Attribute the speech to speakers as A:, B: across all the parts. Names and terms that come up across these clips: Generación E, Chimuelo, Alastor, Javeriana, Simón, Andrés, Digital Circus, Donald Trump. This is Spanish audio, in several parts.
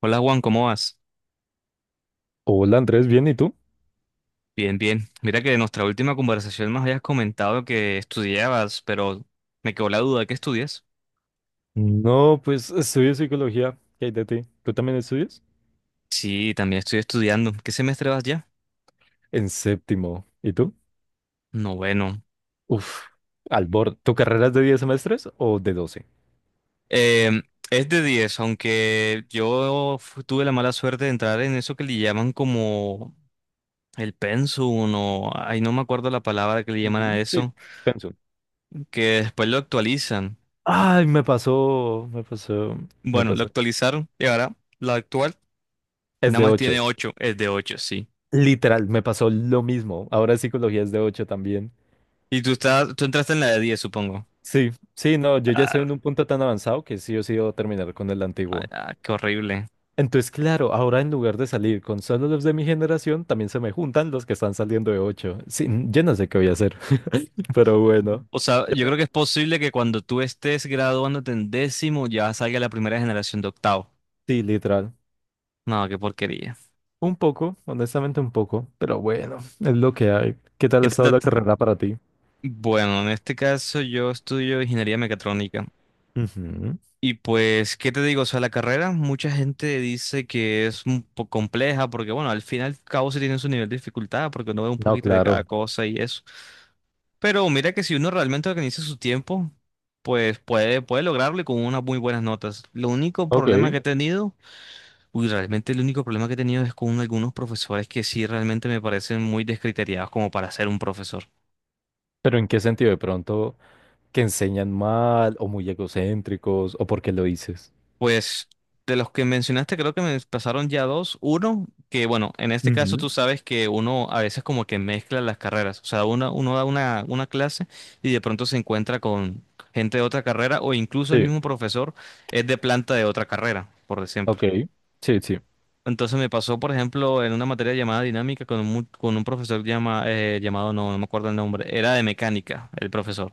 A: Hola Juan, ¿cómo vas?
B: Hola Andrés, ¿bien? ¿Y tú?
A: Bien, bien. Mira que de nuestra última conversación nos habías comentado que estudiabas, pero me quedó la duda, ¿qué estudias?
B: No, pues estudio psicología. ¿Qué hay de ti? ¿Tú también estudias?
A: Sí, también estoy estudiando. ¿Qué semestre vas ya?
B: En séptimo. ¿Y tú?
A: Noveno.
B: Uf, al borde. ¿Tu carrera es de 10 semestres o de 12?
A: Em, es de 10, aunque tuve la mala suerte de entrar en eso que le llaman como el pensum Ay, no me acuerdo la palabra que le llaman a
B: Ujú, sí.
A: eso,
B: Pensum.
A: que después lo actualizan.
B: Ay, me pasó, me pasó, me
A: Bueno, lo
B: pasó.
A: actualizaron y ahora la actual
B: Es
A: nada
B: de
A: más tiene
B: 8.
A: 8, es de 8, sí.
B: Literal, me pasó lo mismo. Ahora psicología es de 8 también.
A: Y tú estás, tú entraste en la de 10, supongo.
B: Sí, sí, no, yo ya estoy
A: Ah,
B: en un punto tan avanzado que sí o sí debo terminar con el antiguo.
A: ah, qué horrible.
B: Entonces, claro, ahora en lugar de salir con solo los de mi generación, también se me juntan los que están saliendo de 8. Sí, yo no sé qué voy a hacer, pero bueno.
A: O sea,
B: ¿Qué
A: yo creo
B: tal?
A: que es posible que cuando tú estés graduándote en décimo ya salga la primera generación de octavo.
B: Sí, literal.
A: No, qué porquería.
B: Un poco, honestamente un poco, pero bueno, es lo que hay. ¿Qué tal
A: ¿Qué
B: ha
A: te-
B: estado
A: te-
B: la
A: te-
B: carrera para ti?
A: Bueno, en este caso yo estudio ingeniería mecatrónica.
B: Ujú.
A: Y pues, ¿qué te digo? O sea, la carrera, mucha gente dice que es un poco compleja porque, bueno, al fin y al cabo sí tiene su nivel de dificultad porque uno ve un
B: No,
A: poquito de cada
B: claro.
A: cosa y eso. Pero mira que si uno realmente organiza su tiempo, pues puede lograrlo y con unas muy buenas notas. Lo único problema que
B: Ok.
A: he tenido, uy, realmente el único problema que he tenido es con algunos profesores que sí realmente me parecen muy descriteriados como para ser un profesor.
B: Pero ¿en qué sentido de pronto que enseñan mal o muy egocéntricos o por qué lo dices?
A: Pues de los que mencionaste, creo que me pasaron ya dos. Uno, que bueno, en este caso
B: Ujú.
A: tú sabes que uno a veces como que mezcla las carreras. O sea, uno da una clase y de pronto se encuentra con gente de otra carrera o incluso el
B: Sí,
A: mismo profesor es de planta de otra carrera, por ejemplo.
B: ok. Sí, sí.
A: Entonces me pasó, por ejemplo, en una materia llamada dinámica con con un profesor llamado, no, no me acuerdo el nombre, era de mecánica, el profesor.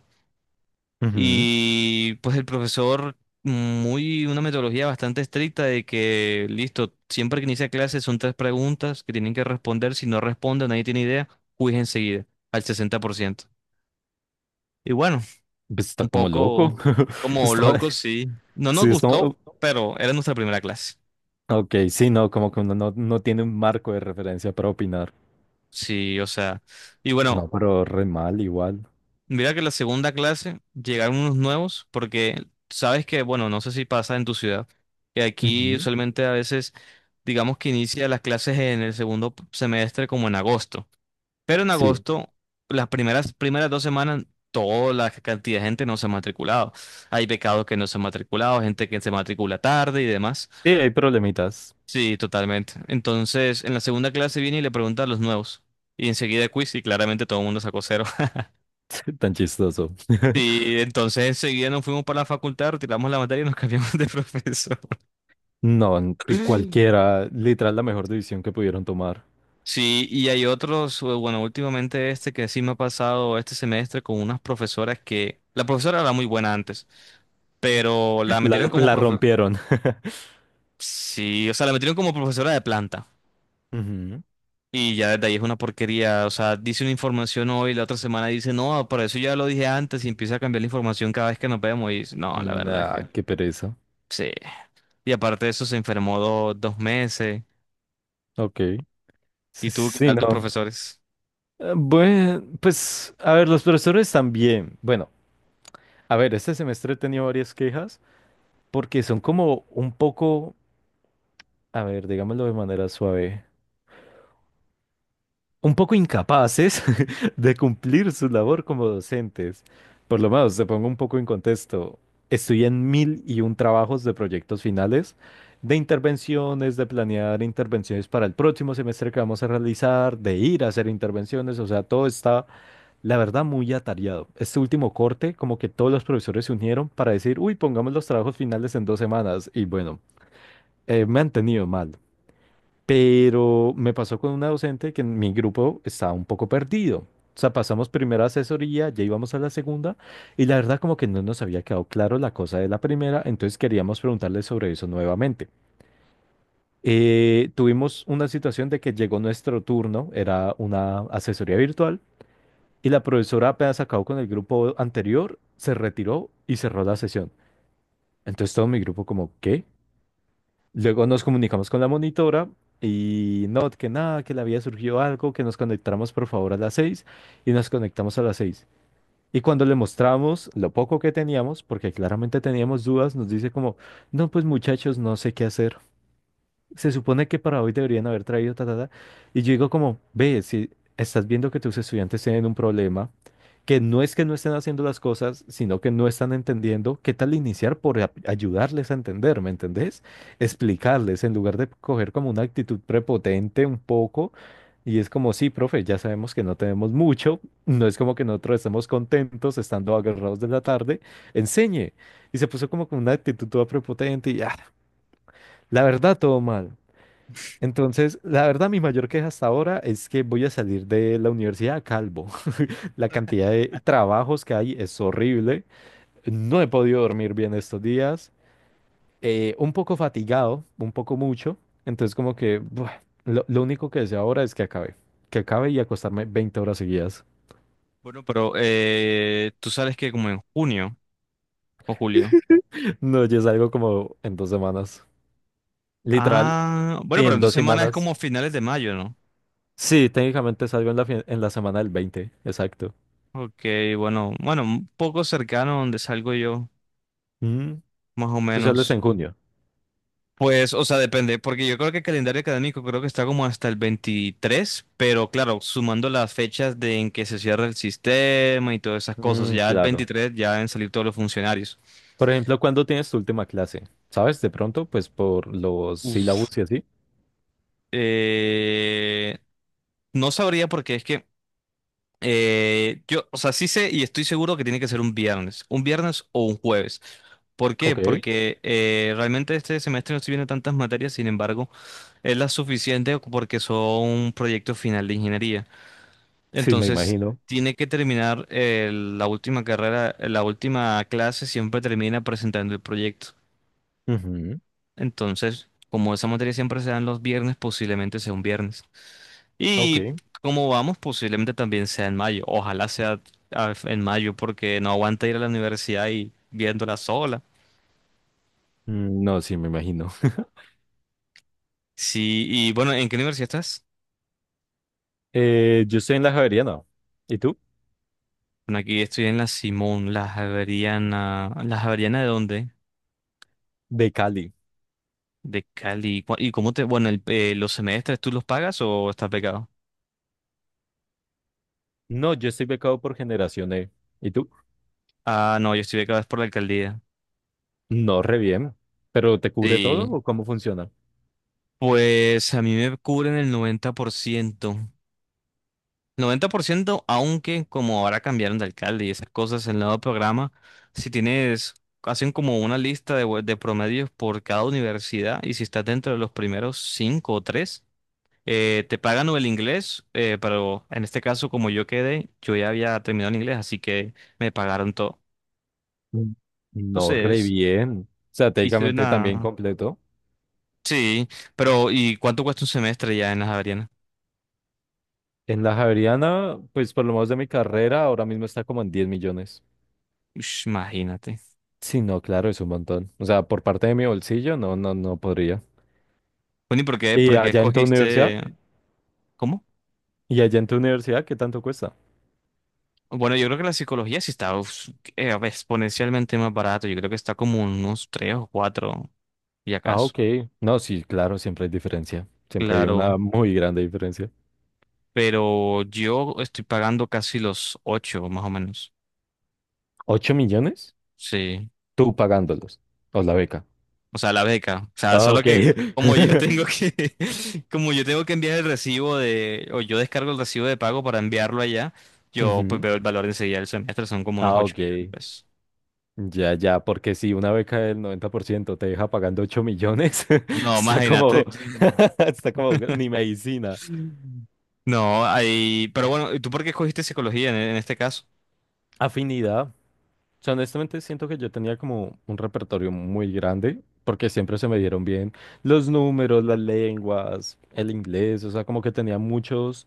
B: Ujú.
A: Y pues el profesor, muy, una metodología bastante estricta de que, listo, siempre que inicia clase son tres preguntas que tienen que responder. Si no responden, nadie tiene idea, quiz enseguida, al 60%. Y bueno,
B: Pues está
A: un
B: como loco.
A: poco como
B: Está,
A: loco, sí. No nos
B: sí, está.
A: gustó, pero era nuestra primera clase.
B: Ok, sí, no, como que uno no tiene un marco de referencia para opinar.
A: Sí, o sea. Y
B: No,
A: bueno,
B: pero re mal igual.
A: mira que la segunda clase llegaron unos nuevos porque sabes que, bueno, no sé si pasa en tu ciudad, que aquí
B: Ujú.
A: usualmente a veces digamos que inicia las clases en el semestre como en agosto, pero en
B: Sí.
A: agosto las primeras 2 semanas toda la cantidad de gente no se ha matriculado. Hay becados que no se han matriculado, gente que se matricula tarde y demás.
B: Sí, hay problemitas.
A: Sí, totalmente. Entonces en la segunda clase viene y le pregunta a los nuevos y enseguida quiz y claramente todo el mundo sacó cero.
B: Tan chistoso.
A: Sí, entonces enseguida nos fuimos para la facultad, retiramos la materia y nos cambiamos de profesor.
B: No, cualquiera, literal, la mejor decisión que pudieron tomar.
A: Sí, y hay otros, bueno, últimamente este que sí me ha pasado este semestre con unas profesoras que, la profesora era muy buena antes, pero la
B: La,
A: metieron como
B: la
A: profe,
B: rompieron.
A: sí, o sea, la metieron como profesora de planta.
B: Ujú.
A: Y ya desde ahí es una porquería, o sea, dice una información hoy, la otra semana dice, no, por eso ya lo dije antes y empieza a cambiar la información cada vez que nos vemos y no, la verdad es
B: Nah,
A: que
B: qué pereza.
A: sí. Y aparte de eso se enfermó 2 meses.
B: Ok. Sí,
A: ¿Y tú qué
B: sí,
A: tal
B: no.
A: tus profesores?
B: Bueno, pues, a ver, los profesores también. Bueno, a ver, este semestre he tenido varias quejas porque son como un poco, a ver, digámoslo de manera suave, un poco incapaces de cumplir su labor como docentes. Por lo menos, te pongo un poco en contexto. Estoy en mil y un trabajos de proyectos finales, de intervenciones, de planear intervenciones para el próximo semestre que vamos a realizar, de ir a hacer intervenciones. O sea, todo está, la verdad, muy atareado. Este último corte, como que todos los profesores se unieron para decir, uy, pongamos los trabajos finales en 2 semanas. Y bueno, me han tenido mal. Pero me pasó con una docente que en mi grupo estaba un poco perdido. O sea, pasamos primera asesoría, ya íbamos a la segunda, y la verdad como que no nos había quedado claro la cosa de la primera, entonces queríamos preguntarle sobre eso nuevamente. Tuvimos una situación de que llegó nuestro turno, era una asesoría virtual, y la profesora apenas acabó con el grupo anterior, se retiró y cerró la sesión. Entonces todo mi grupo como, ¿qué? Luego nos comunicamos con la monitora y no, que nada, que le había surgido algo, que nos conectáramos por favor a las 6 y nos conectamos a las 6. Y cuando le mostramos lo poco que teníamos, porque claramente teníamos dudas, nos dice como, no, pues muchachos, no sé qué hacer. Se supone que para hoy deberían haber traído ta, ta, ta. Y yo digo como, ve, si estás viendo que tus estudiantes tienen un problema, que no es que no estén haciendo las cosas, sino que no están entendiendo, ¿qué tal iniciar por ayudarles a entender? ¿Me entendés? Explicarles, en lugar de coger como una actitud prepotente un poco. Y es como, sí, profe, ya sabemos que no tenemos mucho, no es como que nosotros estemos contentos estando agarrados de la tarde, enseñe. Y se puso como con una actitud toda prepotente y, ah, la verdad, todo mal. Entonces, la verdad, mi mayor queja hasta ahora es que voy a salir de la universidad calvo. La cantidad de trabajos que hay es horrible. No he podido dormir bien estos días. Un poco fatigado, un poco mucho. Entonces, como que buah, lo único que deseo ahora es que acabe. Que acabe y acostarme 20 horas seguidas.
A: Bueno, pero tú sabes que como en junio o julio.
B: No, ya salgo como en 2 semanas. Literal,
A: Ah,
B: sí,
A: bueno, pero
B: en
A: entonces
B: dos
A: semana es
B: semanas.
A: como finales de mayo, ¿no?
B: Sí, técnicamente salgo en la semana del 20, exacto.
A: Ok, bueno, bueno, un poco cercano a donde salgo yo,
B: Mm,
A: más o
B: tú sales
A: menos.
B: en junio.
A: Pues, o sea, depende, porque yo creo que el calendario académico creo que está como hasta el 23, pero claro, sumando las fechas de en que se cierra el sistema y todas esas cosas,
B: Mm,
A: ya el
B: claro.
A: 23 ya deben salir todos los funcionarios.
B: Por ejemplo, ¿cuándo tienes tu última clase? ¿Sabes? De pronto, pues por los
A: Uf.
B: sílabos y así.
A: Eh, no sabría porque es que yo, o sea, sí sé y estoy seguro que tiene que ser un viernes o un jueves. ¿Por qué?
B: Ok,
A: Porque realmente este semestre no estoy viendo tantas materias, sin embargo, es la suficiente porque son proyecto final de ingeniería.
B: sí, me
A: Entonces,
B: imagino.
A: tiene que terminar la última carrera, la última clase siempre termina presentando el proyecto.
B: Ujú.
A: Entonces, como esa materia siempre se da en los viernes, posiblemente sea un viernes. Y
B: Ok.
A: como vamos, posiblemente también sea en mayo. Ojalá sea en mayo porque no aguanta ir a la universidad y viéndola sola.
B: Mm, no, sí, me imagino.
A: Sí, y bueno, ¿en qué universidad estás?
B: Yo estoy en la Javeriana. ¿Y tú?
A: Bueno, aquí estoy en la Simón, la Javeriana. ¿La Javeriana de dónde?
B: De Cali.
A: De Cali. ¿Y cómo te? Bueno, ¿los semestres tú los pagas o estás becado?
B: No, yo estoy becado por Generación E. ¿Y tú?
A: Ah, no, yo estoy becado es por la alcaldía.
B: No, re bien. ¿Pero te cubre todo
A: Sí.
B: o cómo funciona?
A: Pues a mí me cubren el 90%. 90%, aunque como ahora cambiaron de alcalde y esas cosas, el nuevo programa, si tienes, hacen como una lista de, de promedios por cada universidad y si estás dentro de los primeros cinco o tres, te pagan o el inglés, pero en este caso como yo quedé, yo ya había terminado el inglés, así que me pagaron todo.
B: Mm. No, re
A: Entonces,
B: bien. O sea,
A: hice
B: técnicamente también
A: una.
B: completo.
A: Sí, pero ¿y cuánto cuesta un semestre ya en las Javeriana?
B: En la Javeriana, pues por lo menos de mi carrera, ahora mismo está como en 10 millones.
A: Ush, imagínate.
B: Sí, no, claro, es un montón. O sea, por parte de mi bolsillo, no, no, no podría.
A: Bueno, ¿y
B: ¿Y
A: por qué
B: allá en tu universidad?
A: escogiste? ¿Cómo?
B: ¿Y allá en tu universidad qué tanto cuesta?
A: Bueno, yo creo que la psicología sí está uf, exponencialmente más barato. Yo creo que está como unos 3 o 4 y
B: Ah,
A: acaso.
B: ok. No, sí, claro, siempre hay diferencia. Siempre hay
A: Claro,
B: una muy grande diferencia.
A: pero yo estoy pagando casi los 8, más o menos.
B: ¿Ocho millones?
A: Sí,
B: Tú pagándolos. O la beca.
A: o sea, la beca. O sea,
B: Ah,
A: solo
B: ok.
A: que como yo tengo que, como yo tengo que enviar el recibo de, o yo descargo el recibo de pago para enviarlo allá, yo pues
B: Ujú.
A: veo el valor enseguida del semestre, son como unos
B: Ah,
A: 8
B: ok.
A: millones de pesos.
B: Ya, ya, porque si una beca del 90% te deja pagando 8 millones,
A: No,
B: está como,
A: imagínate.
B: está como ni medicina.
A: No, ahí, pero bueno, ¿y tú por qué escogiste psicología en este caso?
B: Afinidad. O sea, honestamente siento que yo tenía como un repertorio muy grande, porque siempre se me dieron bien los números, las lenguas, el inglés, o sea, como que tenía muchos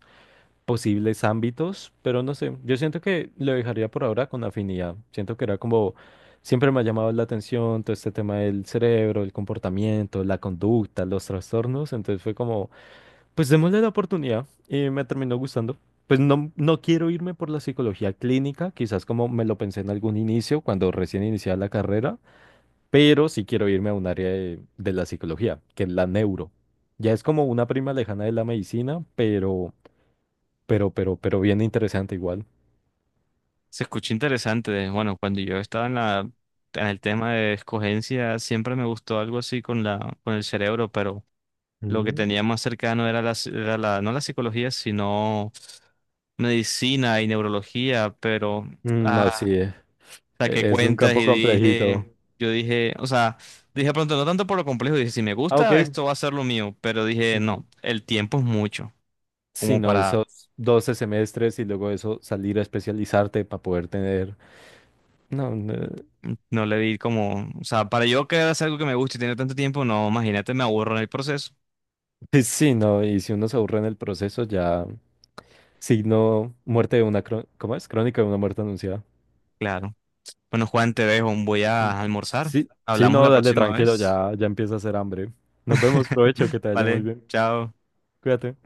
B: posibles ámbitos, pero no sé, yo siento que lo dejaría por ahora con afinidad. Siento que era como, siempre me ha llamado la atención todo este tema del cerebro, el comportamiento, la conducta, los trastornos, entonces fue como... Pues démosle la oportunidad y me terminó gustando. Pues no, no quiero irme por la psicología clínica, quizás como me lo pensé en algún inicio, cuando recién iniciaba la carrera, pero sí quiero irme a un área de la psicología, que es la neuro. Ya es como una prima lejana de la medicina, pero bien interesante igual.
A: Se escucha interesante. Bueno, cuando yo estaba en el tema de escogencia, siempre me gustó algo así con el cerebro, pero lo que
B: Mm.
A: tenía más cercano era la, ci- era la, no la psicología, sino medicina y neurología, pero
B: Mm, no,
A: ah,
B: sí,
A: hasta que
B: es, de un
A: cuentas
B: campo
A: y
B: complejito.
A: dije, yo dije, o sea, dije pronto, no tanto por lo complejo, dije, si me
B: Ah, ok.
A: gusta, esto va a ser lo mío, pero dije,
B: Ujú.
A: no, el tiempo es mucho,
B: Sí,
A: como
B: no,
A: para.
B: esos 12 semestres y luego eso salir a especializarte para poder tener... No, no.
A: No le di como, o sea, para yo que hacer algo que me guste y tener tanto tiempo, no, imagínate, me aburro en el proceso.
B: Pues sí, no, y si uno se aburre en el proceso, ya signo muerte de una, ¿cómo es? Crónica de una muerte anunciada.
A: Claro. Bueno, Juan, te dejo. Voy
B: Mm.
A: a almorzar.
B: Sí, sí,
A: Hablamos
B: no,
A: la
B: dale
A: próxima
B: tranquilo,
A: vez.
B: ya, ya empieza a hacer hambre. Nos vemos, provecho, que te vaya muy
A: Vale,
B: bien.
A: chao.
B: Cuídate.